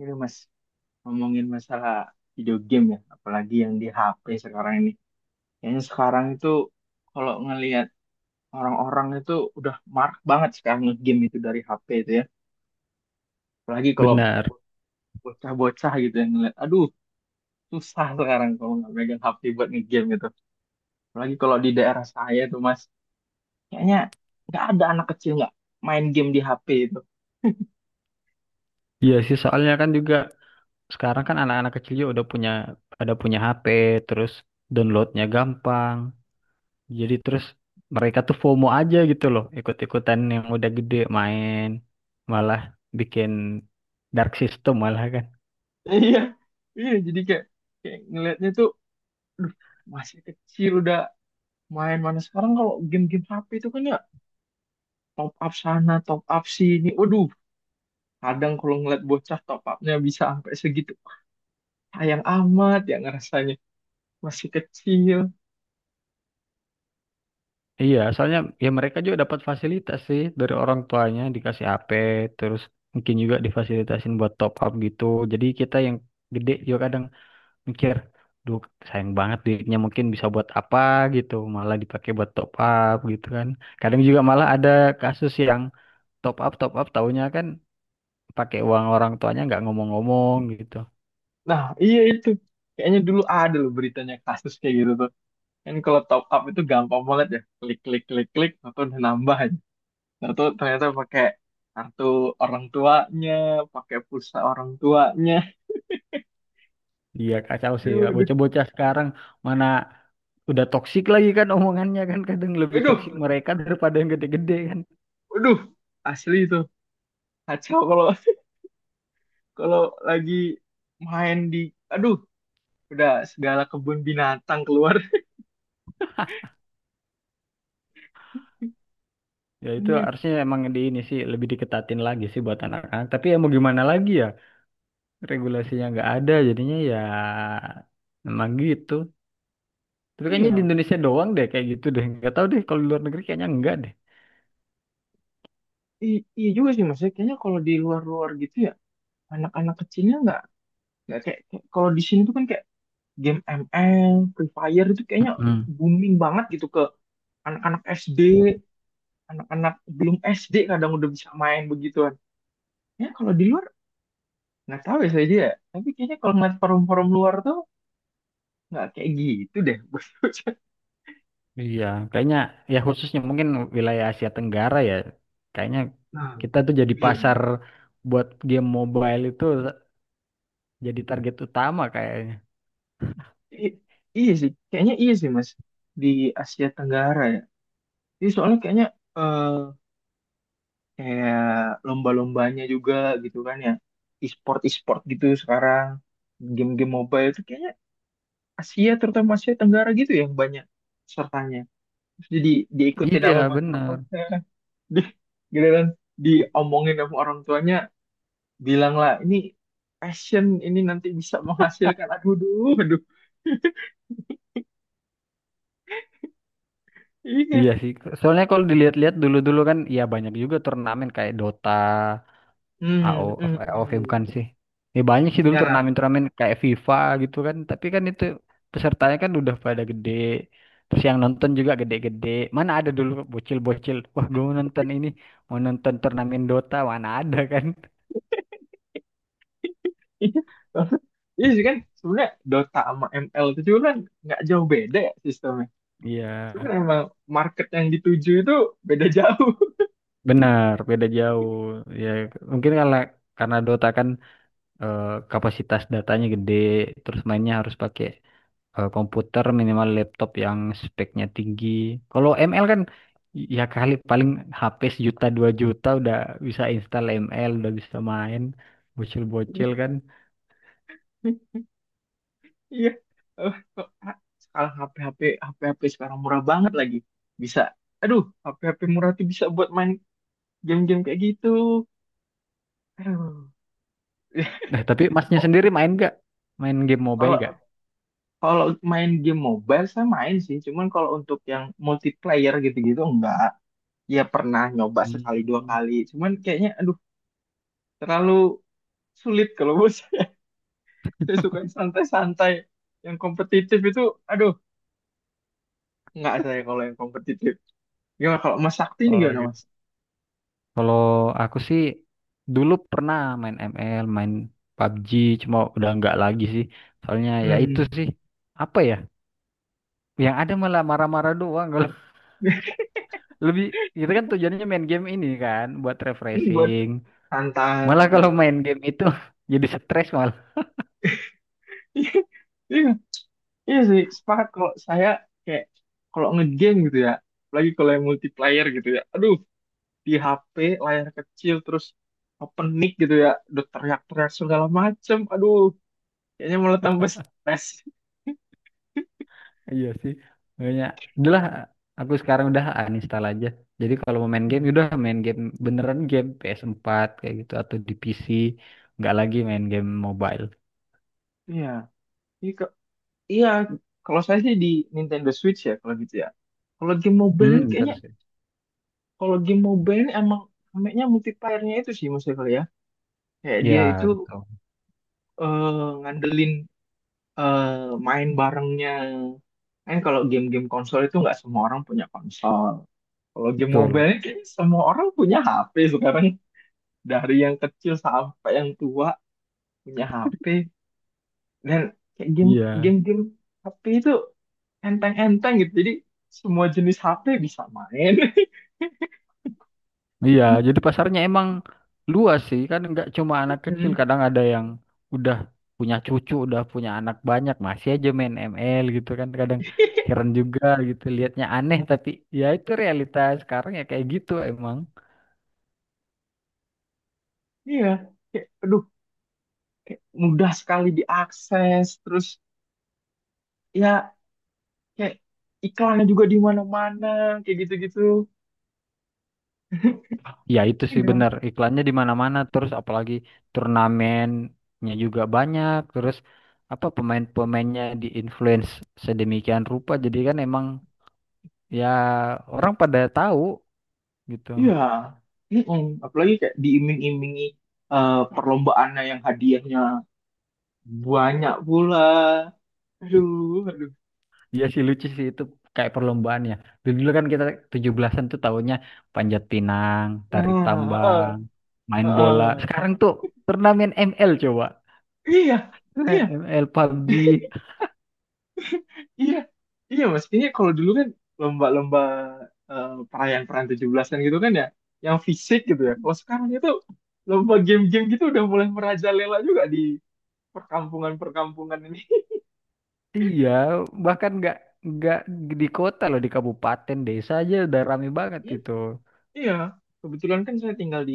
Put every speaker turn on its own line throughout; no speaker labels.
Ini Mas, ngomongin masalah video game ya, apalagi yang di HP sekarang ini. Kayaknya sekarang itu kalau ngelihat orang-orang itu udah marak banget sekarang nge-game itu dari HP itu ya. Apalagi kalau
Benar.
bocah-bocah gitu yang ngeliat, aduh, susah sekarang kalau nggak megang HP buat nge-game gitu. Apalagi kalau di daerah saya tuh Mas, kayaknya nggak ada anak kecil nggak main game di HP itu.
Iya sih, soalnya kan juga sekarang kan anak-anak kecil juga udah punya ada punya HP, terus downloadnya gampang. Jadi terus mereka tuh FOMO aja gitu loh, ikut-ikutan yang udah gede main, malah bikin dark system malah kan.
Iya, iya jadi kayak, ngelihatnya tuh, aduh, masih kecil udah main. Mana sekarang kalau game-game HP itu kan ya, top up sana, top up sini. Waduh, kadang kalau ngeliat bocah top upnya bisa sampai segitu. Sayang amat ya ngerasanya. Masih kecil.
Iya, soalnya ya mereka juga dapat fasilitas sih dari orang tuanya dikasih HP, terus mungkin juga difasilitasin buat top up gitu. Jadi kita yang gede juga kadang mikir duh sayang banget duitnya mungkin bisa buat apa gitu malah dipakai buat top up gitu kan. Kadang juga malah ada kasus yang top up taunya kan pakai uang orang tuanya nggak ngomong-ngomong gitu.
Nah, iya itu. Kayaknya dulu ada loh beritanya kasus kayak gitu tuh. Kan kalau top up itu gampang banget ya. Klik, klik, klik, klik. Atau udah nambah aja. Nah, ternyata pakai kartu orang tuanya, pakai pulsa orang tuanya.
Iya kacau sih
Aduh,
ya.
aduh,
Bocah-bocah sekarang, mana udah toksik lagi kan, omongannya kan kadang lebih toksik
aduh,
mereka daripada yang gede-gede kan.
aduh. Asli itu. Kacau kalau kalau lagi main di, aduh, udah segala kebun binatang keluar.
Ya itu
Iya,
harusnya emang di ini sih lebih diketatin lagi sih buat anak-anak, tapi ya mau gimana lagi ya, regulasinya nggak ada jadinya, ya emang gitu. Tapi kayaknya di
iya.
Indonesia doang deh kayak gitu deh. Nggak tahu deh, kalau di luar negeri kayaknya enggak deh.
Iya juga sih mas ya, kayaknya kalau di luar-luar gitu ya, anak-anak kecilnya nggak, kayak, kalau di sini tuh kan kayak game ML Free Fire itu kayaknya
Mm-mm.
booming banget gitu ke anak-anak SD. Anak-anak belum SD kadang udah bisa main begituan. Ya kalau di luar nggak tahu ya saya dia, tapi kayaknya kalau ngeliat forum-forum luar tuh nggak kayak gitu deh. Bos,
Iya, kayaknya ya khususnya mungkin wilayah Asia Tenggara ya. Kayaknya
nah
kita tuh jadi
iya.
pasar buat game mobile itu, jadi target utama kayaknya.
I- iya sih, kayaknya iya sih Mas, di Asia Tenggara ya. Jadi soalnya kayaknya eh kayak lomba-lombanya juga gitu kan ya, e-sport e-sport gitu sekarang, game-game mobile itu kayaknya Asia, terutama Asia Tenggara gitu ya, yang banyak pesertanya. Terus jadi diikutin
Iya,
sama bocah.
benar.
Di gitu kan, diomongin sama orang tuanya, bilanglah ini passion ini nanti bisa menghasilkan, aduh, aduh, aduh. Iya.
Iya sih. Soalnya kalau dilihat-lihat dulu-dulu kan ya banyak juga turnamen kayak Dota, AO
Hmm,
of
hmm, hmm.
AOV
Hmm.
bukan sih. Ya banyak sih dulu
Ya.
turnamen-turnamen kayak FIFA gitu kan, tapi kan itu pesertanya kan udah pada gede. Terus yang nonton juga gede-gede. Mana ada dulu bocil-bocil, wah gue mau nonton ini, mau nonton turnamen Dota, mana ada kan.
Iya. Iya sih, kan sebenarnya Dota sama ML itu juga kan nggak jauh beda ya sistemnya.
Iya,
Cuman emang market yang dituju itu beda jauh.
benar, beda jauh. Ya mungkin karena Dota kan, eh, kapasitas datanya gede, terus mainnya harus pakai komputer, minimal laptop yang speknya tinggi. Kalau ML kan ya kali paling HP sejuta dua juta udah bisa install ML, udah bisa main bocil-bocil kan.
Iya. Eh, kok, ah, Sekarang HP-HP sekarang murah banget lagi. Bisa. Aduh, HP-HP murah tuh bisa buat main game-game kayak gitu. Aduh.
Nah, tapi masnya
mo-
sendiri main gak? Main game mobile
Kalau
gak?
kalau main game mobile saya main sih. Cuman kalau untuk yang multiplayer gitu-gitu enggak. Ya pernah nyoba sekali dua
Hmm.
kali. Cuman kayaknya aduh, terlalu sulit kalau buat saya. Saya suka yang santai-santai. Yang kompetitif itu, aduh, nggak saya kalau yang kompetitif. Gimana kalau Mas Sakti ini
Oh
gimana
gitu.
Mas?
Kalau aku sih dulu pernah main ML, main PUBG, cuma udah nggak lagi sih. Soalnya ya itu
Hmm.
sih, apa ya? Yang ada malah marah-marah doang. Lebih, itu kan tujuannya main game ini kan buat
Ini buat
refreshing. Malah kalau
santai.
main game itu jadi stres malah.
Iya, iya iya sih, sepakat kalau saya kayak kalau ngegame gitu ya, apalagi kalau yang multiplayer gitu ya. Aduh, di HP layar kecil, terus open mic gitu ya, udah teriak-teriak segala macem. Aduh, kayaknya malah tambah stres.
Iya sih. Makanya udahlah, aku sekarang udah uninstall aja. Jadi kalau mau main game
Hmm,
udah main game beneran, game PS4 kayak gitu atau di PC, nggak lagi main game mobile.
iya. Ini, iya, kalau saya sih di Nintendo Switch ya kalau gitu ya. Kalau game mobile ini
Hmm,
kayaknya,
terus.
kalau game mobile ini emang kayaknya multiplayer-nya itu sih maksudnya kali ya. Kayak dia itu
Ya, betul.
eh, ngandelin eh, main barengnya. Kan kalau game-game konsol itu nggak semua orang punya konsol. Kalau game mobile
Betul.
ini kayaknya semua orang punya HP sekarang. Dari yang kecil sampai yang tua punya HP. Dan kayak
Iya.
game-game HP itu enteng-enteng gitu, jadi semua jenis HP bisa main.
Iya, jadi pasarnya emang luas sih, kan nggak cuma anak kecil,
Mm.
kadang ada yang udah punya cucu, udah punya anak banyak, masih aja main ML gitu kan, kadang heran juga gitu, liatnya aneh, tapi ya itu realitas sekarang ya kayak gitu emang.
Iya, kayak, aduh, mudah sekali diakses, terus ya kayak iklannya juga di mana-mana, kayak gitu-gitu.
Ya itu sih
Iya,
bener, iklannya di mana-mana, terus apalagi turnamennya juga banyak, terus apa pemain-pemainnya di-influence sedemikian rupa, jadi kan emang ya orang pada tahu gitu.
iya. Mm-mm. Apalagi kayak diiming-imingi perlombaannya yang hadiahnya banyak pula. Aduh, aduh.
Iya sih lucu sih itu, kayak perlombaan ya. Dulu kan kita 17-an tuh tahunnya panjat pinang, tarik
Nah,
tambang,
eh, eh,
Main bola.
eh.
Sekarang tuh turnamen ML coba.
Iya, iya.
ML PUBG.
Iya, iya mas. Ini kalau dulu kan lomba-lomba, perayaan-perayaan 17-an gitu kan ya, yang fisik gitu ya. Kalau sekarang itu lomba game-game gitu udah mulai merajalela juga di perkampungan-perkampungan ini.
Iya, bahkan nggak di kota loh, di kabupaten desa aja udah rame banget
Hmm,
itu.
iya, kebetulan kan saya tinggal di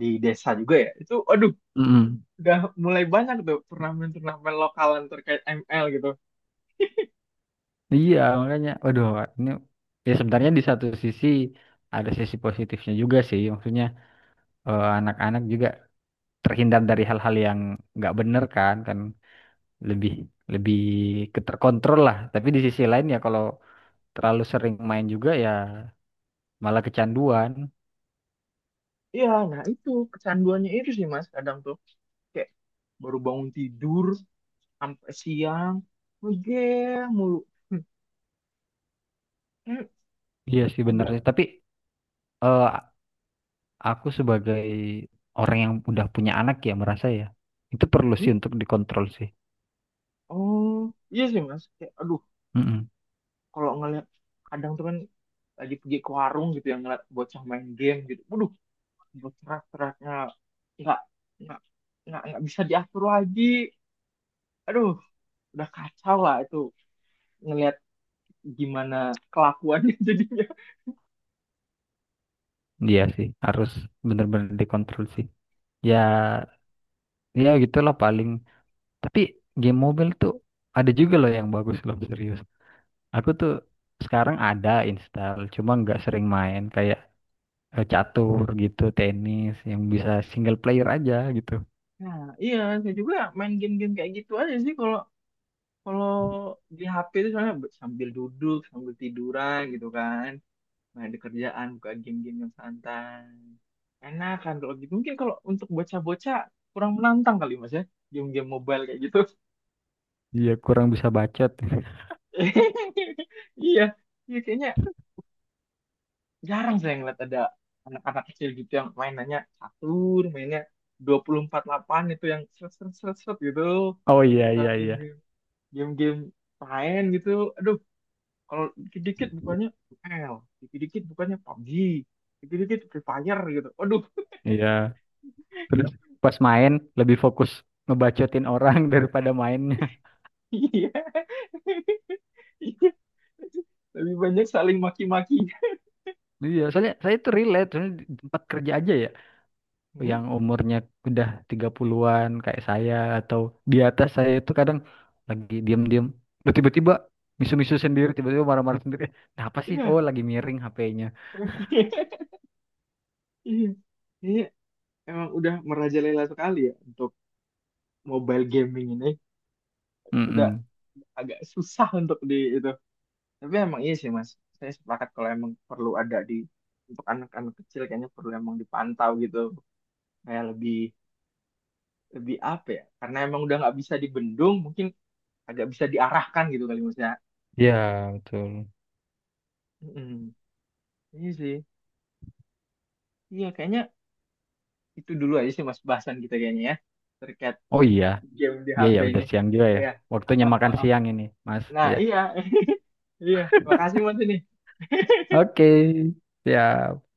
desa juga ya. Itu, aduh,
Mm-mm.
udah mulai banyak tuh turnamen-turnamen lokalan terkait ML gitu.
Iya, makanya waduh, ini ya sebenarnya di satu sisi ada sisi positifnya juga sih. Maksudnya anak-anak juga terhindar dari hal-hal yang nggak bener kan kan lebih lebih keterkontrol lah, tapi di sisi lain ya kalau terlalu sering main juga ya malah kecanduan.
Iya, nah itu kecanduannya itu sih mas. Kadang tuh kayak baru bangun tidur sampai siang, game, mulu.
Iya sih benar sih,
Agak,
tapi eh, aku sebagai orang yang udah punya anak ya merasa ya itu perlu
hmm?
sih untuk dikontrol sih.
Oh, iya sih mas, kayak aduh,
Mm-mm.
kalau ngeliat, kadang tuh kan lagi pergi ke warung gitu yang ngeliat bocah main game gitu, waduh, bercerak-ceraknya nggak nggak, bisa diatur lagi. Aduh, udah kacau lah itu, ngeliat gimana kelakuannya jadinya.
Iya sih, harus benar-benar dikontrol sih ya ya gitulah paling, tapi game mobile tuh ada juga loh yang bagus loh, serius. Aku tuh sekarang ada install, cuma nggak sering main, kayak catur gitu, tenis yang bisa single player aja gitu.
Nah, iya, saya juga main game-game kayak gitu aja sih kalau kalau di HP itu, soalnya sambil duduk sambil tiduran gitu kan, main di kerjaan buka game-game yang santai, enak kan kalau gitu. Mungkin kalau untuk bocah-bocah kurang menantang kali mas ya, game-game mobile kayak gitu.
Iya, kurang bisa bacot.
Iya, iya kayaknya jarang saya ngeliat ada anak-anak kecil gitu yang mainannya catur, mainnya dua puluh empat delapan itu, yang seret seret seret seret gitu,
Oh iya
atau
iya iya.
game-game, game-game lain gitu. Aduh, kalau dikit-dikit bukannya ML, dikit-dikit bukannya PUBG, dikit-dikit Free Fire gitu, aduh.
Iya. Terus pas main lebih fokus ngebacotin orang daripada mainnya.
Iya. Iya. Lebih banyak saling maki-maki.
Iya, soalnya saya itu relate, soalnya di tempat kerja aja ya,
Hmm?
yang umurnya udah 30-an kayak saya atau di atas saya, itu kadang lagi diem-diem, loh, tiba-tiba misu-misu sendiri, tiba-tiba marah-marah sendiri. Eh, kenapa sih? Oh,
Iya.
lagi miring HP-nya.
Iya. Ini emang udah merajalela sekali ya untuk mobile gaming ini. Udah
Mm-mm.
agak susah untuk di itu. Tapi emang iya sih Mas. Saya sepakat kalau emang perlu ada di, untuk anak-anak kecil kayaknya perlu emang dipantau gitu. Kayak lebih, lebih apa ya? Karena emang udah nggak bisa dibendung, mungkin agak bisa diarahkan gitu kali Mas ya.
Iya, betul.
Mm-mm. Iya sih. Iya, kayaknya itu dulu aja sih mas bahasan kita kayaknya ya, terkait
Oh iya,
game di
iya
HP
ya udah
ini,
siang juga ya.
iya. Ah,
Waktunya
ah, ah,
makan
ah.
siang ini, Mas.
Nah
Ya.
iya. Iya, makasih mas ini.
Oke, siap.